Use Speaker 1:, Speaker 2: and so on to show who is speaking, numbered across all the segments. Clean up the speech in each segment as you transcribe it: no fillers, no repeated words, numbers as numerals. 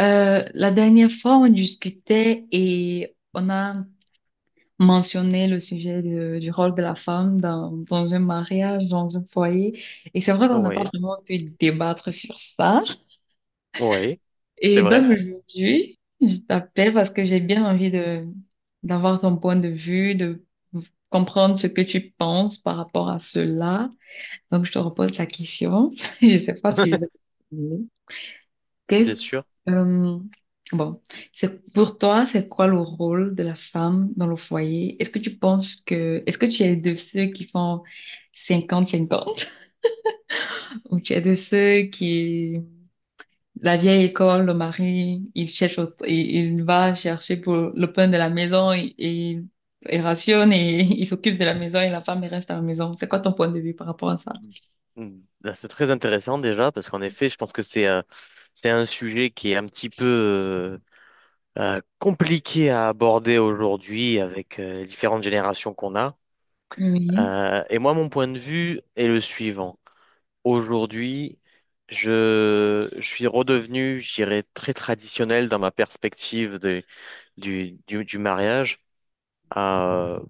Speaker 1: La dernière fois, on discutait et on a mentionné le sujet du rôle de la femme dans un mariage, dans un foyer. Et c'est vrai qu'on n'a pas
Speaker 2: Oui,
Speaker 1: vraiment pu débattre sur ça.
Speaker 2: oui, c'est
Speaker 1: Et
Speaker 2: vrai,
Speaker 1: donc aujourd'hui, je t'appelle parce que j'ai bien envie d'avoir ton point de vue, de comprendre ce que tu penses par rapport à cela. Donc je te repose la question. Je sais pas si je vais.
Speaker 2: bien
Speaker 1: Qu'est-ce,
Speaker 2: sûr.
Speaker 1: euh, bon, c'est pour toi, c'est quoi le rôle de la femme dans le foyer? Est-ce que tu penses que, est-ce que tu es de ceux qui font 50-50, ou tu es de ceux qui, la vieille école, le mari, il cherche, il va chercher pour le pain de la maison et il rationne et il s'occupe de la maison et la femme elle reste à la maison. C'est quoi ton point de vue par rapport à ça?
Speaker 2: Mm. Là, c'est très intéressant déjà parce qu'en effet, je pense que c'est un sujet qui est un petit peu euh, compliqué à aborder aujourd'hui avec les différentes générations qu'on a.
Speaker 1: Oui.
Speaker 2: Et moi, mon point de vue est le suivant. Aujourd'hui, je suis redevenu, je dirais, très traditionnel dans ma perspective du mariage. Euh,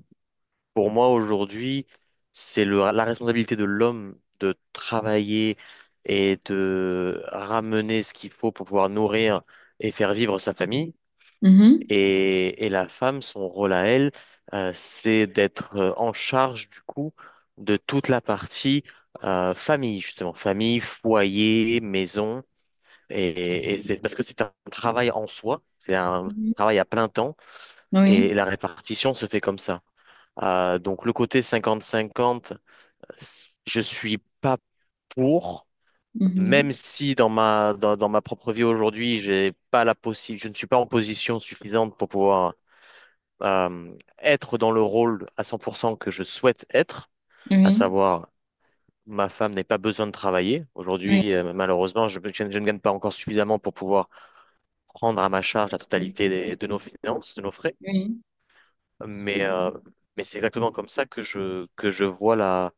Speaker 2: Pour moi, aujourd'hui, c'est la responsabilité de l'homme de travailler et de ramener ce qu'il faut pour pouvoir nourrir et faire vivre sa famille.
Speaker 1: Mhm.
Speaker 2: Et la femme, son rôle à elle, c'est d'être en charge du coup de toute la partie famille, justement, famille, foyer, maison. Et c'est parce que c'est un travail en soi, c'est un
Speaker 1: Mhm.
Speaker 2: travail à plein temps et
Speaker 1: Oui.
Speaker 2: la répartition se fait comme ça. Donc le côté cinquante-cinquante, je suis pas pour, même
Speaker 1: Mhm.
Speaker 2: si dans ma propre vie aujourd'hui, j'ai pas la possi- je ne suis pas en position suffisante pour pouvoir euh, être dans le rôle à 100% que je souhaite être, à
Speaker 1: Oui.
Speaker 2: savoir ma femme n'ait pas besoin de travailler. Aujourd'hui,
Speaker 1: Oui.
Speaker 2: malheureusement, je ne gagne pas encore suffisamment pour pouvoir prendre à ma charge la totalité de nos finances, de nos frais.
Speaker 1: Oui.
Speaker 2: Mais, euh, mais c'est exactement comme ça que je vois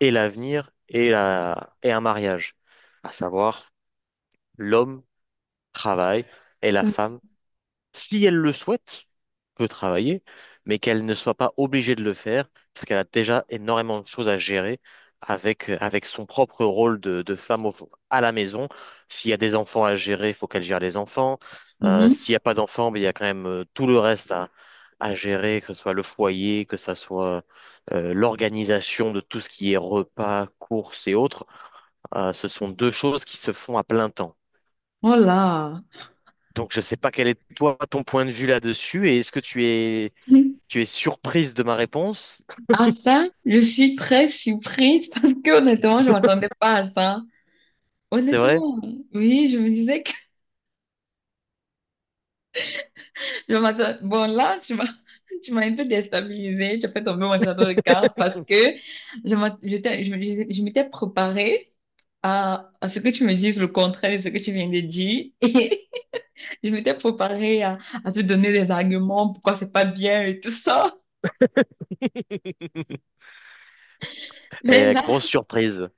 Speaker 2: et l'avenir et, et un mariage, à savoir l'homme travaille et la femme, si elle le souhaite, peut travailler, mais qu'elle ne soit pas obligée de le faire, parce qu'elle a déjà énormément de choses à gérer avec son propre rôle de femme à la maison. S'il y a des enfants à gérer, il faut qu'elle gère les enfants. Euh,
Speaker 1: Mhm.
Speaker 2: s'il n'y a pas d'enfants, ben, il y a quand même tout le reste à gérer, que ce soit le foyer, que ce soit l'organisation de tout ce qui est repas, courses et autres. Ce sont deux choses qui se font à plein temps.
Speaker 1: Oh là.
Speaker 2: Donc, je ne sais pas quel est toi ton point de vue là-dessus et est-ce que tu es surprise de ma réponse,
Speaker 1: À ça, je suis très surprise, parce que honnêtement, je m'attendais pas à ça.
Speaker 2: c'est vrai?
Speaker 1: Honnêtement, oui, je me disais que je m'attendais. Bon, là, tu m'as, tu m'as un peu déstabilisée. Tu as fait tomber mon château de cartes parce que je m'att- j'étais- je, me- je m'étais préparée à ce que tu me dises le contraire de ce que tu viens de dire. Et je m'étais préparée à te donner des arguments pourquoi c'est pas bien et tout ça. Mais
Speaker 2: Eh,
Speaker 1: là,
Speaker 2: grosse surprise.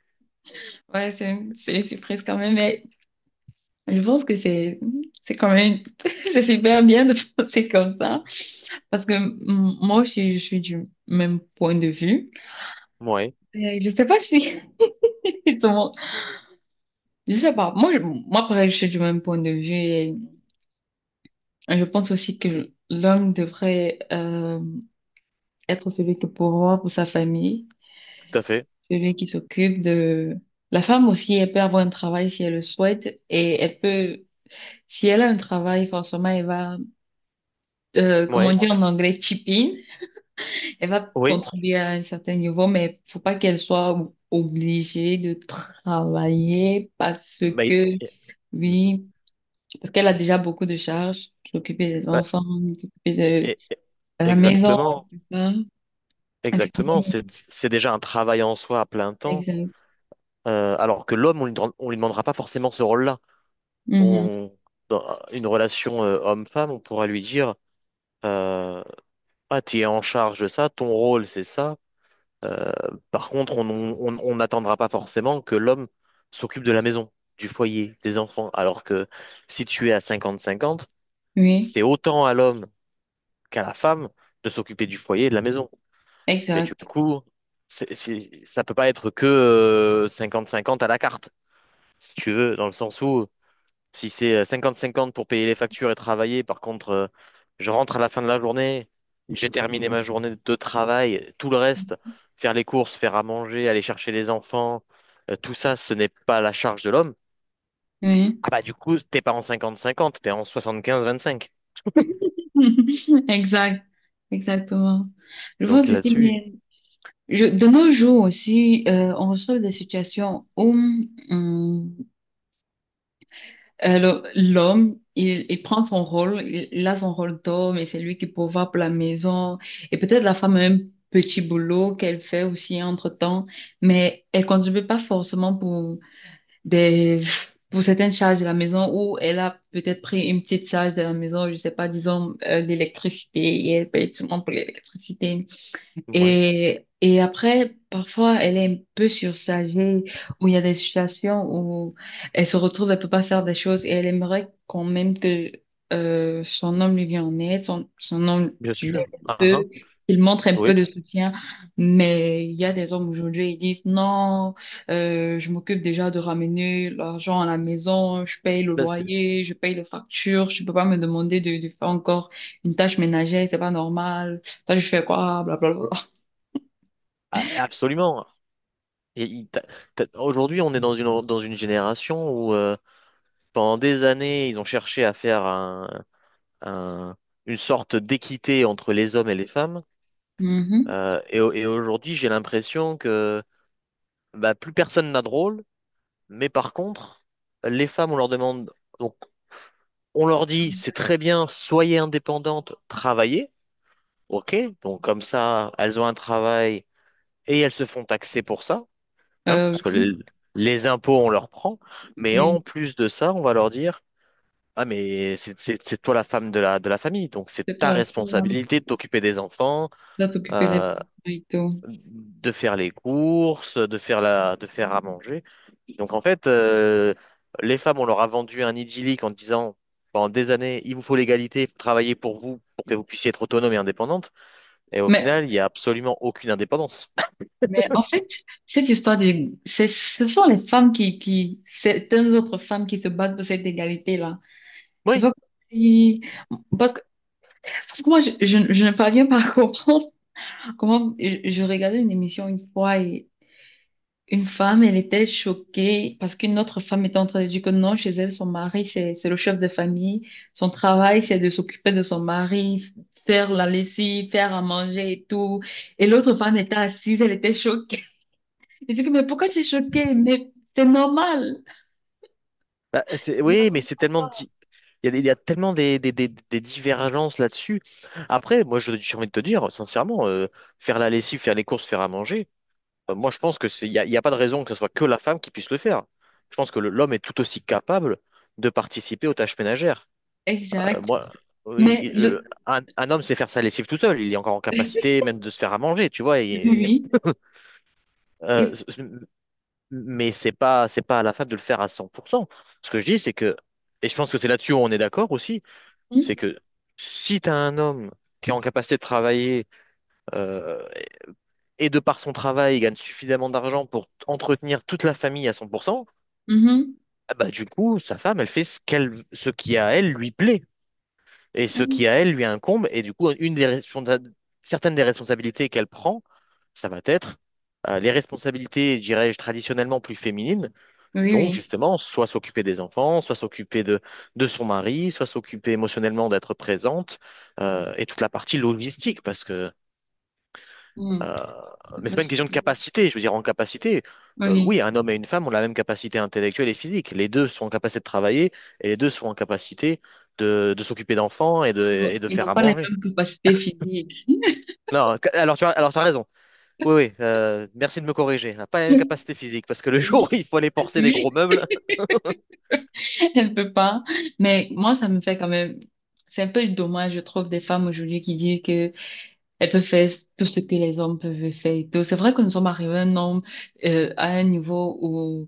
Speaker 1: ouais, c'est une surprise quand même. Je pense que c'est quand même c'est super bien de penser comme ça parce que moi aussi je suis du même point de vue.
Speaker 2: Ouais,
Speaker 1: Je sais pas si justement, je sais pas, moi pareil, je suis du même point de vue et je pense aussi que l'homme devrait être celui qui pourvoit pour sa famille,
Speaker 2: tout à fait.
Speaker 1: celui qui s'occupe de la femme aussi, elle peut avoir un travail si elle le souhaite, et elle peut, si elle a un travail, forcément elle va, comment
Speaker 2: Ouais,
Speaker 1: dire en anglais, chip in. Elle va
Speaker 2: oui.
Speaker 1: contribuer à un certain niveau, mais faut pas qu'elle soit o- obligée de travailler parce
Speaker 2: Mais,
Speaker 1: que,
Speaker 2: eh, mhm.
Speaker 1: oui, parce qu'elle a déjà beaucoup de charges, s'occuper des
Speaker 2: Ouais,
Speaker 1: enfants, s'occuper
Speaker 2: eh, eh, eh,
Speaker 1: de la maison,
Speaker 2: exactement,
Speaker 1: hein. C'est quand
Speaker 2: Exactement.
Speaker 1: même
Speaker 2: C'est déjà un travail en soi à plein temps.
Speaker 1: exact.
Speaker 2: Alors que l'homme, on lui demandera pas forcément ce rôle-là.
Speaker 1: Mhm.
Speaker 2: On, dans une relation homme-femme, on pourra lui dire, euh, tu es en charge de ça, ton rôle, c'est ça. Euh, par contre, on n'attendra pas forcément que l'homme s'occupe de la maison, du foyer, des enfants. Alors que si tu es à 50-50,
Speaker 1: Oui,
Speaker 2: c'est autant à l'homme qu'à la femme de s'occuper du foyer et de la maison. Mais du
Speaker 1: exact.
Speaker 2: coup, ça peut pas être que 50-50 à la carte, si tu veux, dans le sens où si c'est cinquante 50 pour payer les factures et travailler, par contre, je rentre à la fin de la journée, j'ai terminé ma journée de travail, tout le reste, faire les courses, faire à manger, aller chercher les enfants, tout ça, ce n'est pas la charge de l'homme.
Speaker 1: Oui.
Speaker 2: Ah bah du coup, t'es pas en cinquante cinquante, t'es en soixante quinze vingt cinq.
Speaker 1: Exact. Exactement. Je vois
Speaker 2: Donc
Speaker 1: ceci,
Speaker 2: là-dessus,
Speaker 1: mais je, de nos jours aussi, on reçoit des situations où, alors, l'homme, il prend son rôle, il a son rôle d'homme et c'est lui qui pourvoit pour la maison. Et peut-être la femme a un petit boulot qu'elle fait aussi entre-temps, mais elle contribue pas forcément pour des, pour certaines charges de la maison, ou elle a peut-être pris une petite charge de la maison, je sais pas, disons, l'électricité, et elle paye seulement pour l'électricité.
Speaker 2: ouais.
Speaker 1: Et après, parfois, elle est un peu surchargée, où il y a des situations où elle se retrouve, elle peut pas faire des choses et elle aimerait quand même que son homme lui vienne en aide, son homme
Speaker 2: Bien
Speaker 1: l'aide
Speaker 2: sûr.
Speaker 1: un
Speaker 2: Ah, ah.
Speaker 1: peu, qu'il montre un
Speaker 2: Oui,
Speaker 1: peu
Speaker 2: tu-
Speaker 1: de soutien. Mais il y a des hommes aujourd'hui, ils disent non, je m'occupe déjà de ramener l'argent à la maison, je paye le
Speaker 2: ben, c'est-
Speaker 1: loyer, je paye les factures, je peux pas me demander de faire encore une tâche ménagère, c'est pas normal. Ça, je fais quoi, blablabla.
Speaker 2: Absolument. Et il- t'as- Aujourd'hui, on est dans dans une génération où pendant des années, ils ont cherché à faire un- une sorte d'équité entre les hommes et les femmes.
Speaker 1: Mhm.
Speaker 2: Et aujourd'hui, j'ai l'impression que bah, plus personne n'a de rôle. Mais par contre, les femmes, on leur demande, donc on leur dit, c'est très bien, soyez indépendantes, travaillez. OK, donc comme ça, elles ont un travail et elles se font taxer pour ça. Hein, parce que
Speaker 1: Oui,
Speaker 2: les impôts, on leur prend, mais en
Speaker 1: oui,
Speaker 2: plus de ça, on va leur dire, ah, mais c'est toi la femme de la famille, donc c'est
Speaker 1: c'est
Speaker 2: ta
Speaker 1: toi, toi,
Speaker 2: responsabilité de t'occuper des enfants,
Speaker 1: là, t'occuper des enfants
Speaker 2: euh,
Speaker 1: et tout.
Speaker 2: de faire les courses, de de faire à manger. Donc en fait, les femmes, on leur a vendu un idyllique en disant, pendant des années, il vous faut l'égalité, il faut travailler pour vous, pour que vous puissiez être autonome et indépendante. Et au
Speaker 1: Mais,
Speaker 2: final, il n'y a absolument aucune indépendance.
Speaker 1: mais en fait, cette histoire de, c'est, ce sont les femmes certaines autres femmes qui se battent pour cette égalité-là. C'est
Speaker 2: Oui.
Speaker 1: pas comme si- pas que- parce que moi, je ne parviens pas à comprendre je regardais une émission une fois. Une femme, elle était choquée parce qu'une autre femme était en train de dire que non, chez elle, son mari, c'est le chef de famille. Son travail, c'est de s'occuper de son mari, faire la lessive, faire à manger et tout. Et l'autre femme était assise, elle était choquée. Je dis, que, mais pourquoi tu es choquée? Mais c'est normal. Je la
Speaker 2: Oui, mais
Speaker 1: comprends.
Speaker 2: il y a, il y a tellement des divergences là-dessus. Après, j'ai envie de te dire, sincèrement, faire la lessive, faire les courses, faire à manger, moi, je pense que il il y a pas de raison que ce soit que la femme qui puisse le faire. Je pense que l'homme est tout aussi capable de participer aux tâches ménagères.
Speaker 1: Exact.
Speaker 2: Moi, oui,
Speaker 1: Mais
Speaker 2: il-
Speaker 1: le,
Speaker 2: le- Un homme sait faire sa lessive tout seul. Il est encore en capacité même de se faire à manger, tu vois.
Speaker 1: oui,
Speaker 2: et-
Speaker 1: oui.
Speaker 2: euh,
Speaker 1: Et-
Speaker 2: mais c'est pas à la fable de le faire à 100%. Ce que je dis, c'est que, et je pense que c'est là-dessus où on est d'accord aussi, c'est
Speaker 1: Mhm.
Speaker 2: que si tu as un homme qui est en capacité de travailler euh, et de par son travail, il gagne suffisamment d'argent pour entretenir toute la famille à 100%,
Speaker 1: Mhm.
Speaker 2: ah bah, du coup, sa femme, elle fait ce qui à elle lui plaît et ce qui à elle lui incombe. Et du coup, certaines des responsabilités qu'elle prend, ça va être les responsabilités, dirais-je, traditionnellement plus féminines.
Speaker 1: Oui,
Speaker 2: Donc,
Speaker 1: oui.
Speaker 2: justement, soit s'occuper des enfants, soit s'occuper de son mari, soit s'occuper émotionnellement d'être présente, et toute la partie logistique, parce que,
Speaker 1: Mhm.
Speaker 2: euh, mais c'est pas une question de capacité, je veux dire, en capacité,
Speaker 1: Oui.
Speaker 2: oui, un homme et une femme ont la même capacité intellectuelle et physique. Les deux sont en capacité de travailler, et les deux sont en capacité de s'occuper d'enfants et de
Speaker 1: Ils
Speaker 2: faire
Speaker 1: n'ont
Speaker 2: à
Speaker 1: pas les
Speaker 2: manger.
Speaker 1: mêmes capacités physiques.
Speaker 2: Non, ca- alors tu as, alors t'as raison. Oui, oui, merci de me corriger. On n'a pas la même capacité physique, parce que le jour
Speaker 1: Oui,
Speaker 2: où il faut aller porter des gros
Speaker 1: oui.
Speaker 2: meubles.
Speaker 1: Elle peut pas. Mais moi, ça me fait quand même. C'est un peu dommage, je trouve, des femmes aujourd'hui qui disent que elles peuvent faire tout ce que les hommes peuvent faire et tout. C'est vrai que nous sommes arrivés à un homme, à un niveau où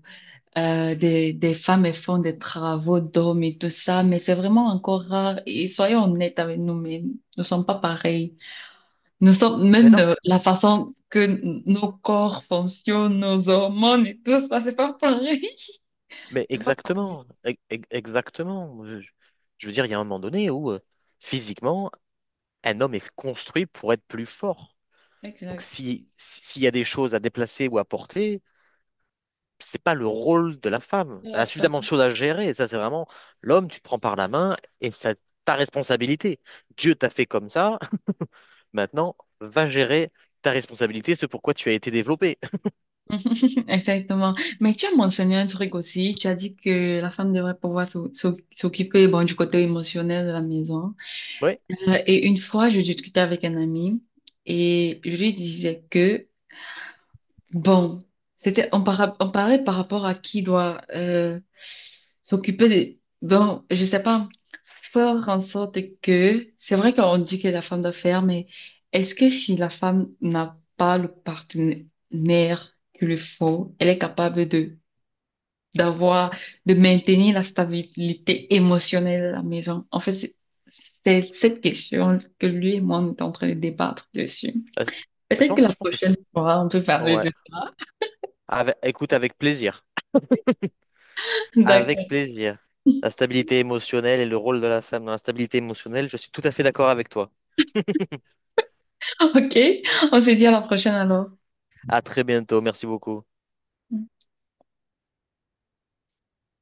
Speaker 1: des femmes elles font des travaux d'hommes et tout ça, mais c'est vraiment encore rare. Et soyons honnêtes avec nous-mêmes, nous ne sommes pas pareils. Nous sommes
Speaker 2: Mais
Speaker 1: même,
Speaker 2: non,
Speaker 1: la façon que n- nos corps fonctionnent, nos hormones et tout ça, c'est pas pareil.
Speaker 2: mais
Speaker 1: C'est pas pareil.
Speaker 2: exactement, e- e- exactement. Je veux dire, il y a un moment donné où physiquement, un homme est construit pour être plus fort. Donc,
Speaker 1: Exact.
Speaker 2: s'il y a des choses à déplacer ou à porter, c'est pas le rôle de la femme. Elle a suffisamment de choses à gérer. Et ça, c'est vraiment l'homme, tu te prends par la main et c'est ta responsabilité. Dieu t'a fait comme ça. Maintenant, va gérer ta responsabilité, ce pourquoi tu as été développé.
Speaker 1: Exactement. Mais tu as mentionné un truc aussi. Tu as dit que la femme devrait pouvoir s'occuper, bon, du côté émotionnel de la maison.
Speaker 2: Ouais,
Speaker 1: Et une fois, je discutais avec un ami et je lui disais que, bon, on parlait par rapport à qui doit s'occuper des, bon, je sais pas, faire en sorte que, c'est vrai qu'on dit que la femme doit faire, mais est-ce que si la femme n'a pas le partenaire qu'il lui faut, elle est capable de d'avoir, de maintenir la stabilité émotionnelle à la maison? En fait, c'est cette question que lui et moi, on est en train de débattre dessus.
Speaker 2: euh, je
Speaker 1: Peut-être que
Speaker 2: pense,
Speaker 1: la
Speaker 2: je pense que
Speaker 1: prochaine
Speaker 2: c'est.
Speaker 1: fois, on peut parler de
Speaker 2: Ouais.
Speaker 1: ça.
Speaker 2: Écoute, avec plaisir. Avec
Speaker 1: D'accord.
Speaker 2: plaisir. La stabilité émotionnelle et le rôle de la femme dans la stabilité émotionnelle, je suis tout à fait d'accord avec toi.
Speaker 1: OK. On se dit à la prochaine alors.
Speaker 2: À très bientôt. Merci beaucoup.